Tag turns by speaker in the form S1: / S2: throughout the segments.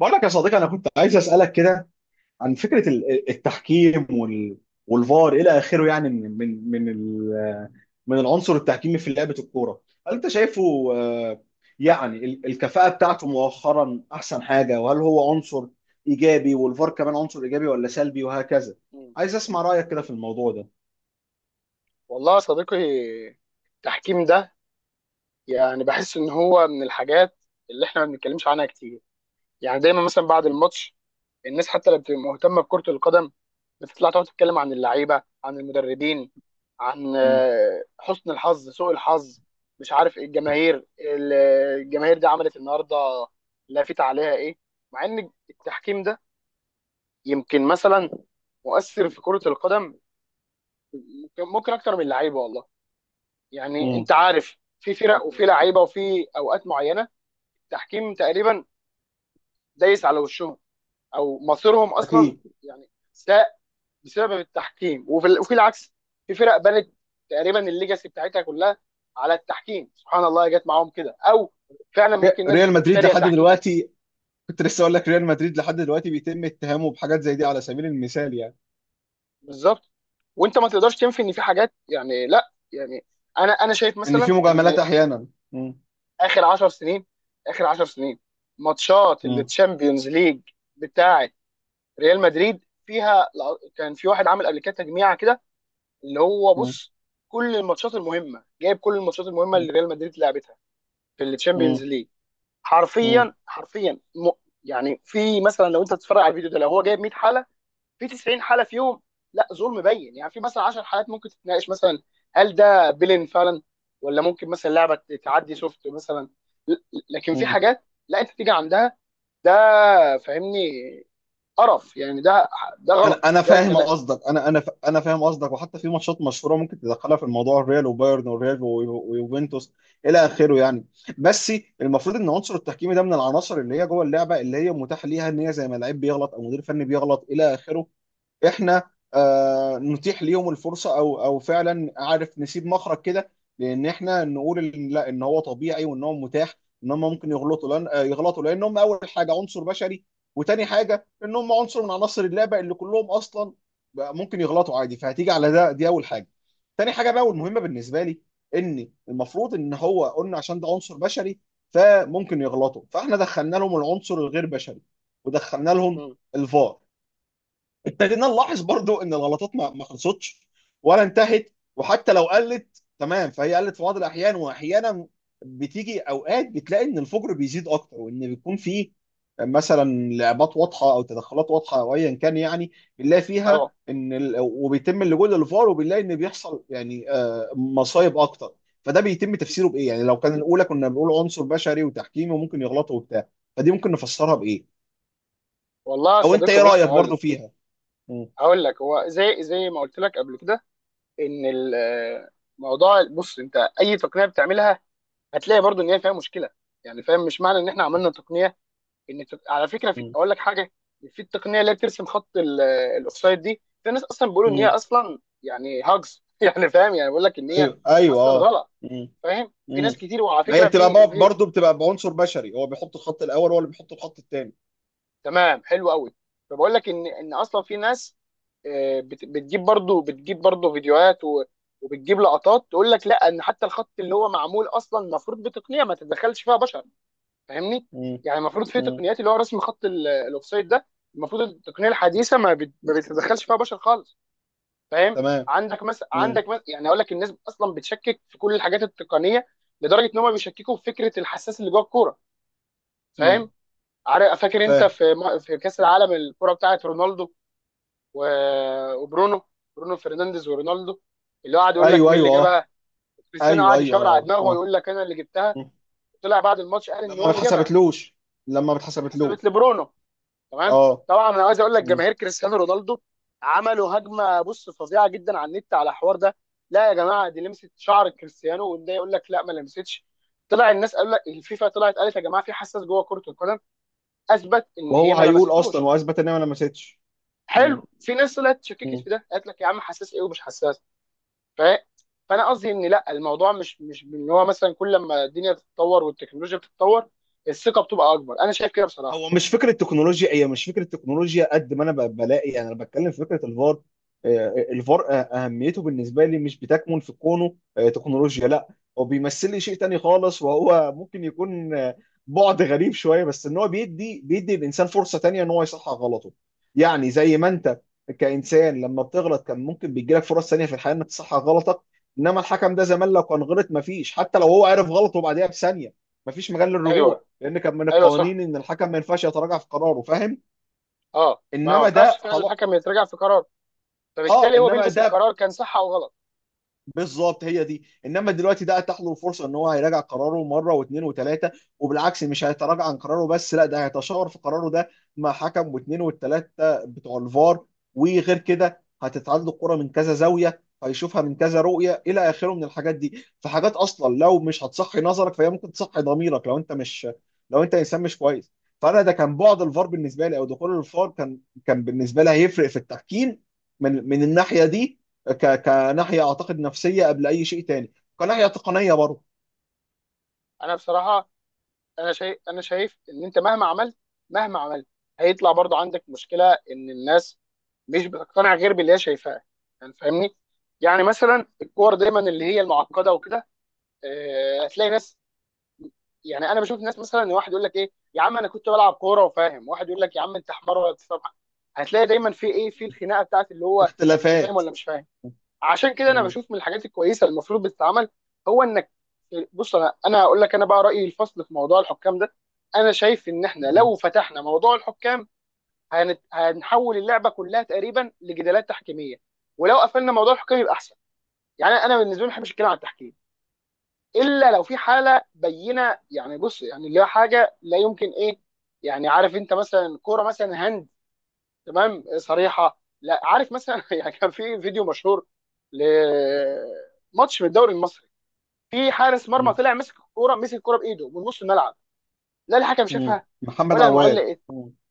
S1: بقول لك يا صديقي، انا كنت عايز اسالك كده عن فكره التحكيم والفار الى اخره، يعني من العنصر التحكيمي في لعبه الكوره. هل انت شايفه آه، يعني الكفاءه بتاعته مؤخرا احسن حاجه؟ وهل هو عنصر ايجابي والفار كمان عنصر ايجابي ولا سلبي وهكذا؟
S2: مم.
S1: عايز اسمع رايك كده في الموضوع ده.
S2: والله يا صديقي، التحكيم ده يعني بحس ان هو من الحاجات اللي احنا ما بنتكلمش عنها كتير. يعني دايما مثلا بعد الماتش، الناس حتى اللي بتبقى مهتمه بكره القدم بتطلع تقعد تتكلم عن اللعيبه، عن المدربين، عن
S1: مم.
S2: حسن الحظ، سوء الحظ، مش عارف إيه. الجماهير الجماهير دي عملت النهارده، لافت عليها ايه، مع ان التحكيم ده يمكن مثلا مؤثر في كره القدم، ممكن اكتر من اللعيبه. والله يعني
S1: مم.
S2: انت عارف، في فرق وفي لعيبه وفي اوقات معينه التحكيم تقريبا دايس على وشهم او مصيرهم اصلا.
S1: اكيد.
S2: يعني ساء بسبب التحكيم، وفي العكس، في فرق بنت تقريبا الليجاسي بتاعتها كلها على التحكيم، سبحان الله جت معاهم كده، او فعلا ممكن الناس
S1: ريال
S2: تكون
S1: مدريد
S2: شاريه
S1: لحد
S2: تحكيم.
S1: دلوقتي، كنت لسه اقول لك ريال مدريد لحد دلوقتي بيتم اتهامه بحاجات زي دي على سبيل المثال يعني.
S2: بالظبط. وانت ما تقدرش تنفي ان في حاجات، يعني لا يعني انا شايف
S1: ان
S2: مثلا
S1: في
S2: ان
S1: مجاملات احيانا. مم.
S2: اخر 10 سنين اخر 10 سنين، ماتشات
S1: مم.
S2: التشامبيونز ليج بتاعه ريال مدريد فيها، كان في واحد عامل قبل كده تجميعه كده، اللي هو
S1: مم.
S2: بص، كل الماتشات المهمه، جايب كل الماتشات المهمه اللي ريال مدريد لعبتها في
S1: مم.
S2: الشامبيونز ليج،
S1: مم.
S2: حرفيا حرفيا. يعني في مثلا، لو انت تتفرج على الفيديو ده، لو هو جايب 100 حاله، في 90 حاله فيهم لا ظلم بين. يعني في مثلا 10 حالات ممكن تتناقش، مثلا هل ده بيلين فعلا، ولا ممكن مثلا لعبه تعدي سوفت مثلا. ل- لكن في
S1: مم.
S2: حاجات لا، انت تيجي عندها ده، فاهمني، قرف يعني. ده
S1: انا
S2: غلط،
S1: انا
S2: ده
S1: فاهم
S2: كلام.
S1: قصدك، انا فاهم قصدك، وحتى في ماتشات مشهوره ممكن تدخلها في الموضوع، الريال وبايرن والريال ويوفنتوس الى اخره يعني. بس المفروض ان عنصر التحكيمي ده من العناصر اللي هي جوه اللعبه، اللي هي متاح ليها ان هي زي ما لعيب بيغلط او مدير فني بيغلط الى اخره، احنا نتيح ليهم الفرصه، او او فعلا عارف، نسيب مخرج كده. لان احنا نقول إن لا، ان هو طبيعي وان هو متاح ان هم ممكن يغلطوا، لان يغلطوا لان هم اول حاجه عنصر بشري، وتاني حاجه ان هم عنصر من عناصر اللعبه اللي كلهم اصلا بقى ممكن يغلطوا عادي. فهتيجي على ده، دي اول حاجه. تاني حاجه بقى، والمهمه بالنسبه لي، ان المفروض ان هو قلنا عشان ده عنصر بشري فممكن يغلطوا، فاحنا دخلنا لهم العنصر الغير بشري ودخلنا لهم
S2: مم.
S1: الفار. ابتدينا نلاحظ برضو ان الغلطات ما خلصتش ولا انتهت، وحتى لو قلت تمام فهي قلت في بعض الاحيان، واحيانا بتيجي اوقات بتلاقي ان الفجر بيزيد اكتر، وان بيكون فيه مثلا لعبات واضحه او تدخلات واضحه او ايا كان يعني، بنلاقي فيها
S2: اه،
S1: ان وبيتم اللجوء للفار، وبنلاقي ان بيحصل يعني مصايب اكتر. فده بيتم تفسيره بايه يعني؟ لو كان الاولى كنا بنقول عنصر بشري وتحكيمي وممكن يغلطوا وبتاع، فدي ممكن نفسرها بايه؟
S2: والله يا
S1: او انت
S2: صديقي،
S1: ايه
S2: بص،
S1: رايك برضو فيها؟ مم.
S2: هقول لك، هو زي ما قلت لك قبل كده، ان الموضوع بص، انت اي تقنيه بتعملها هتلاقي برضو ان هي فيها مشكله. يعني فاهم، مش معنى ان احنا عملنا تقنيه ان على فكره، في، اقول لك حاجه، في التقنيه اللي هي بترسم خط الاوفسايد دي، في ناس اصلا بيقولوا ان هي
S1: مم.
S2: اصلا يعني هاجز يعني فاهم، يعني بيقول لك ان هي
S1: ايوه ايوه
S2: اصلا
S1: اه.
S2: غلط.
S1: امم.
S2: فاهم، في
S1: امم.
S2: ناس كتير، وعلى
S1: ما هي
S2: فكره
S1: بتبقى
S2: في
S1: برضه بتبقى بعنصر بشري، هو بيحط الخط الاول هو اللي بيحط الخط الثاني.
S2: تمام، حلو قوي. فبقول لك ان اصلا في ناس بتجيب برضو فيديوهات، وبتجيب لقطات تقول لك لا، ان حتى الخط اللي هو معمول اصلا المفروض بتقنيه ما تتدخلش فيها بشر، فاهمني.
S1: امم.
S2: يعني المفروض في
S1: امم.
S2: تقنيات اللي هو رسم خط الاوفسايد ده، المفروض التقنيه
S1: أمم.
S2: الحديثه ما بتتدخلش فيها بشر خالص، فاهم؟
S1: تمام. امم.
S2: عندك مثلا، يعني اقول لك، الناس اصلا بتشكك في كل الحاجات التقنيه، لدرجه ان هم بيشككوا في فكره الحساس اللي جوه الكوره،
S1: امم.
S2: فاهم؟ عارف فاكر انت،
S1: فاهم.
S2: في في كاس العالم، الكره بتاعت رونالدو وبرونو، برونو فرنانديز ورونالدو، اللي هو قعد يقول لك
S1: ايوه
S2: مين اللي
S1: ايوه اه.
S2: جابها. كريستيانو
S1: ايوه
S2: قعد
S1: ايوه
S2: يشاور على
S1: اه
S2: دماغه
S1: اه.
S2: ويقول لك انا اللي جبتها.
S1: أمم.
S2: طلع بعد الماتش قال ان
S1: لما
S2: هو
S1: ما
S2: اللي جابها،
S1: اتحسبتلوش. لما ما
S2: اتحسبت
S1: اتحسبتلوش.
S2: لبرونو. تمام.
S1: اه.
S2: طبعا انا عايز اقول لك،
S1: أمم.
S2: جماهير كريستيانو رونالدو عملوا هجمه، بص، فظيعه جدا على النت، على الحوار ده. لا يا جماعه، دي لمست شعر كريستيانو، وده يقول لك لا ما لمستش. طلع الناس قال لك الفيفا طلعت قالت يا جماعه في حساس جوه كره القدم، اثبت ان
S1: وهو
S2: هي ما
S1: هيقول اصلا
S2: لمستوش.
S1: واثبت ان انا ما لمستش.
S2: حلو. في ناس طلعت شككت في ده، قالت لك يا عم، حساس ايه ومش حساس. ف... فانا قصدي ان لا، الموضوع مش ان هو مثلا كل ما الدنيا بتتطور والتكنولوجيا بتتطور الثقه بتبقى اكبر. انا شايف كده بصراحه.
S1: هو مش فكره تكنولوجيا، هي مش فكره تكنولوجيا، قد ما انا بلاقي يعني، انا بتكلم في فكره الفار. الفار اهميته بالنسبه لي مش بتكمن في كونه تكنولوجيا، لا، هو بيمثل لي شيء تاني خالص، وهو ممكن يكون بعد غريب شويه، بس ان هو بيدي الانسان فرصه تانيه ان هو يصحح غلطه. يعني زي ما انت كانسان لما بتغلط كان ممكن بيجي لك فرص تانيه في الحياه انك تصحح غلطك، انما الحكم ده زمان لو كان غلط مفيش، حتى لو هو عرف غلطه بعديها بثانيه مفيش مجال
S2: ايوه،
S1: للرجوع، لان كان من
S2: ايوه،
S1: القوانين
S2: صح.
S1: ان الحكم ما ينفعش يتراجع في قراره، فاهم.
S2: اه، ما
S1: انما
S2: ينفعش
S1: ده
S2: فعلا
S1: خلاص.
S2: الحكم يتراجع في قرار،
S1: اه،
S2: فبالتالي هو
S1: انما
S2: بيلبس
S1: ده
S2: القرار كان صح او غلط.
S1: بالظبط، هي دي. انما دلوقتي ده اتاح له فرصه ان هو هيراجع قراره مره واثنين وثلاثه، وبالعكس مش هيتراجع عن قراره بس، لا، ده هيتشاور في قراره ده مع حكم واثنين والثلاثه بتوع الفار، وغير كده هتتعاد له الكره من كذا زاويه، هيشوفها من كذا رؤيه الى اخره من الحاجات دي. فحاجات اصلا لو مش هتصحي نظرك فهي ممكن تصحي ضميرك، لو انت مش، لو انت انسان مش كويس. فانا ده كان بعد الفار بالنسبه لي، او دخول الفار كان، كان بالنسبه لي هيفرق في التحكيم من من الناحيه دي، كناحيه اعتقد نفسيه قبل اي شيء تاني، كناحيه تقنيه برضه.
S2: انا بصراحه انا شايف ان انت مهما عملت، مهما عملت هيطلع برضو عندك مشكله، ان الناس مش بتقتنع غير باللي هي شايفاه. يعني فاهمني. يعني مثلا الكور دايما اللي هي المعقده وكده، هتلاقي ناس، يعني انا بشوف ناس مثلا، ان واحد يقول لك ايه يا عم انا كنت بلعب كوره وفاهم، واحد يقول لك يا عم انت حمار ولا بتفهم حاجة. هتلاقي دايما في ايه، في الخناقه بتاعت اللي هو انت فاهم
S1: اختلافات.
S2: ولا مش فاهم. عشان كده انا
S1: مم.
S2: بشوف من الحاجات الكويسه اللي المفروض بتتعمل، هو انك، بص، انا هقول لك، انا بقى رايي الفصل في موضوع الحكام ده. انا شايف ان احنا
S1: مم.
S2: لو فتحنا موضوع الحكام، هنحول اللعبه كلها تقريبا لجدالات تحكيميه. ولو قفلنا موضوع الحكام يبقى احسن. يعني انا بالنسبه لي ما بحبش الكلام عن التحكيم، الا لو في حاله بينه. يعني بص، يعني اللي هو حاجه لا يمكن، ايه، يعني عارف انت مثلا، كوره مثلا هند، تمام، صريحه، لا، عارف مثلا يعني كان في فيديو مشهور لماتش من الدوري المصري، في حارس مرمى
S1: مم.
S2: طلع مسك الكوره بايده من نص الملعب. لا الحكم
S1: مم.
S2: شافها،
S1: محمد
S2: ولا المعلق
S1: عواد.
S2: إيه.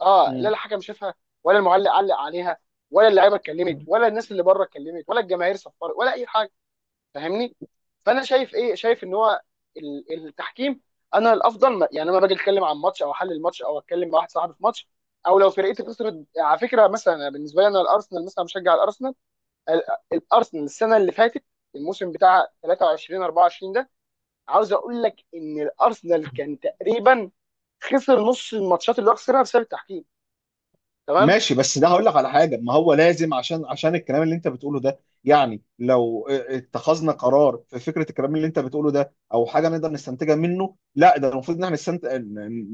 S2: اه، لا
S1: مم.
S2: الحكم شافها، ولا المعلق علق عليها، ولا اللعيبه اتكلمت،
S1: مم.
S2: ولا الناس اللي بره اتكلمت، ولا الجماهير صفرت، ولا اي حاجه، فاهمني؟ فانا شايف ايه، شايف ان هو التحكيم، انا الافضل، ما يعني، انا باجي اتكلم عن ماتش او احلل ماتش او اتكلم مع واحد صاحبي في ماتش، او لو فرقتي خسرت. على فكره مثلا أنا بالنسبه لي، انا الارسنال مثلا، بشجع الارسنال. ال- الارسنال السنه اللي فاتت، الموسم بتاع 23 24 ده، عاوز اقول لك ان الارسنال كان تقريبا خسر نص الماتشات اللي هو خسرها بسبب التحكيم. تمام.
S1: ماشي، بس ده هقول لك على حاجه، ما هو لازم، عشان عشان الكلام اللي انت بتقوله ده يعني، لو اتخذنا قرار في فكره الكلام اللي انت بتقوله ده او حاجه نقدر نستنتجها منه، لا ده المفروض ان احنا نستنتج،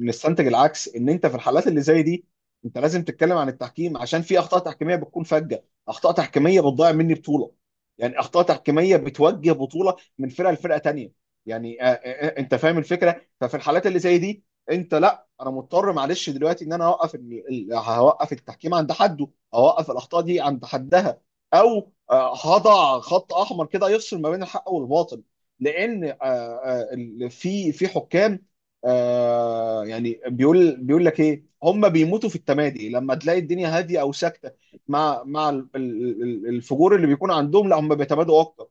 S1: نستنتج العكس، ان انت في الحالات اللي زي دي انت لازم تتكلم عن التحكيم، عشان في اخطاء تحكيميه بتكون فجه، اخطاء تحكيميه بتضيع مني بطوله، يعني اخطاء تحكيميه بتوجه بطوله من فرقه لفرقه تانيه. يعني انت فاهم الفكره. ففي الحالات اللي زي دي انت لا، انا مضطر معلش دلوقتي ان انا اوقف هوقف التحكيم عند حده، اوقف الاخطاء دي عند حدها، او هضع خط احمر كده يفصل ما بين الحق والباطل. لان في في حكام يعني، بيقول لك ايه، هم بيموتوا في التمادي، لما تلاقي الدنيا هاديه او ساكته مع مع الفجور اللي بيكون عندهم، لا، هم بيتمادوا اكتر.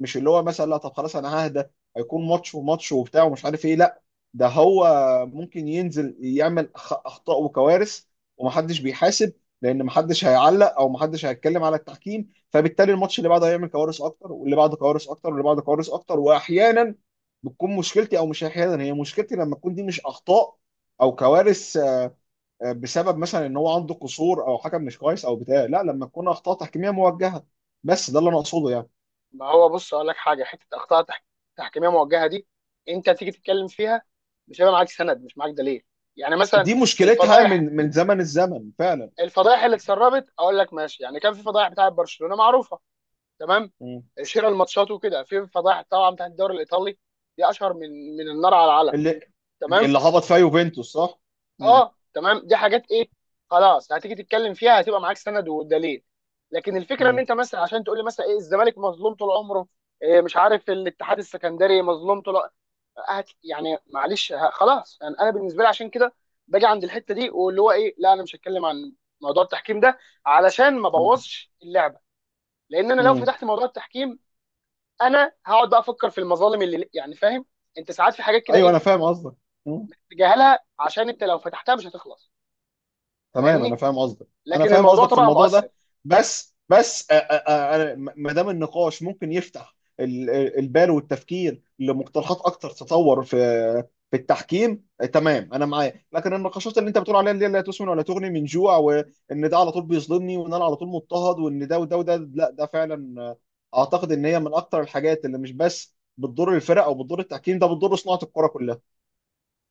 S1: مش اللي هو مثلا لا طب خلاص انا ههدى، هيكون ماتش وماتش وبتاع ومش عارف ايه، لا، ده هو ممكن ينزل يعمل اخطاء وكوارث، ومحدش بيحاسب، لان محدش هيعلق او محدش هيتكلم على التحكيم، فبالتالي الماتش اللي بعده هيعمل كوارث اكتر، واللي بعده كوارث اكتر، واللي بعده كوارث اكتر. واحيانا بتكون مشكلتي، او مش احيانا، هي مشكلتي، لما تكون دي مش اخطاء او كوارث بسبب مثلا ان هو عنده قصور او حكم مش كويس او بتاع، لا، لما تكون اخطاء تحكيميه موجهه. بس ده اللي انا اقصده يعني.
S2: ما هو بص، اقول لك حاجه، حته اخطاء تحكيميه موجهه دي، انت تيجي تتكلم فيها، مش هيبقى معاك سند، مش معاك دليل. يعني مثلا
S1: دي مشكلتها
S2: الفضايح
S1: من من زمن الزمن فعلا.
S2: الفضايح اللي اتسربت، اقول لك ماشي، يعني كان في فضايح بتاعه برشلونه معروفه، تمام،
S1: مم.
S2: شراء الماتشات وكده. في فضايح طبعا بتاعت الدوري الايطالي دي، اشهر من النار على العلم.
S1: اللي،
S2: تمام.
S1: اللي هبط فيها يوفنتوس صح؟ مم.
S2: اه، تمام، دي حاجات ايه، خلاص، هتيجي تتكلم فيها هتبقى معاك سند ودليل. لكن الفكره ان
S1: مم.
S2: انت مثلا عشان تقول لي مثلا ايه، الزمالك مظلوم طول عمره، إيه، مش عارف الاتحاد السكندري مظلوم طول، هت يعني، معلش، خلاص يعني، انا بالنسبه لي عشان كده باجي عند الحته دي، واللي هو ايه، لا، انا مش هتكلم عن موضوع التحكيم ده علشان ما
S1: مم.
S2: بوظش اللعبه. لان انا لو
S1: مم.
S2: فتحت موضوع التحكيم، انا هقعد بقى افكر في المظالم اللي، يعني فاهم، انت ساعات في حاجات كده،
S1: ايوه
S2: ايه،
S1: انا فاهم قصدك.
S2: تجاهلها، عشان انت لو فتحتها مش هتخلص،
S1: تمام انا
S2: فاهمني.
S1: فاهم قصدك. انا
S2: لكن
S1: فاهم
S2: الموضوع
S1: قصدك في
S2: طبعا
S1: الموضوع
S2: مؤثر.
S1: ده. بس بس ما دام النقاش ممكن يفتح البال والتفكير لمقترحات اكتر تطور في في التحكيم، تمام، انا معاك. لكن النقاشات اللي انت بتقول عليها اللي هي لا تسمن ولا تغني من جوع، وان ده على طول بيظلمني، وان انا على طول مضطهد، وان ده وده وده، لا ده فعلا اعتقد ان هي من اكتر الحاجات اللي مش بس بتضر الفرق او بتضر التحكيم، ده بتضر صناعة الكرة كلها.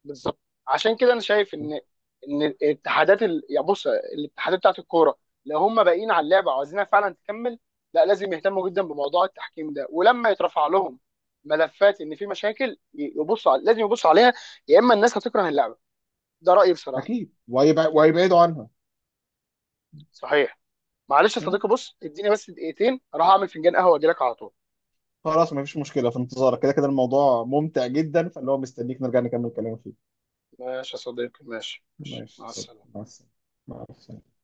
S2: بالظبط، عشان كده انا شايف ان الاتحادات يعني بص، الاتحادات بتاعت الكوره، لو هم باقيين على اللعبه وعايزينها فعلا تكمل، لا، لازم يهتموا جدا بموضوع التحكيم ده. ولما يترفع لهم ملفات ان في مشاكل، لازم يبصوا عليها، يا اما الناس هتكره اللعبه. ده رايي بصراحه.
S1: اكيد، وهيبعدوا عنها.
S2: صحيح. معلش يا صديقي، بص، اديني بس دقيقتين اروح اعمل فنجان قهوه واجي لك على طول.
S1: خلاص مفيش مشكلة، في انتظارك، كده كده الموضوع ممتع جدا، فاللي هو مستنيك نرجع نكمل كلام فيه.
S2: ماشي يا صديقي، ماشي ماشي.
S1: ماشي
S2: مع
S1: صدق.
S2: السلامه.
S1: مع السلامة. مع السلامة.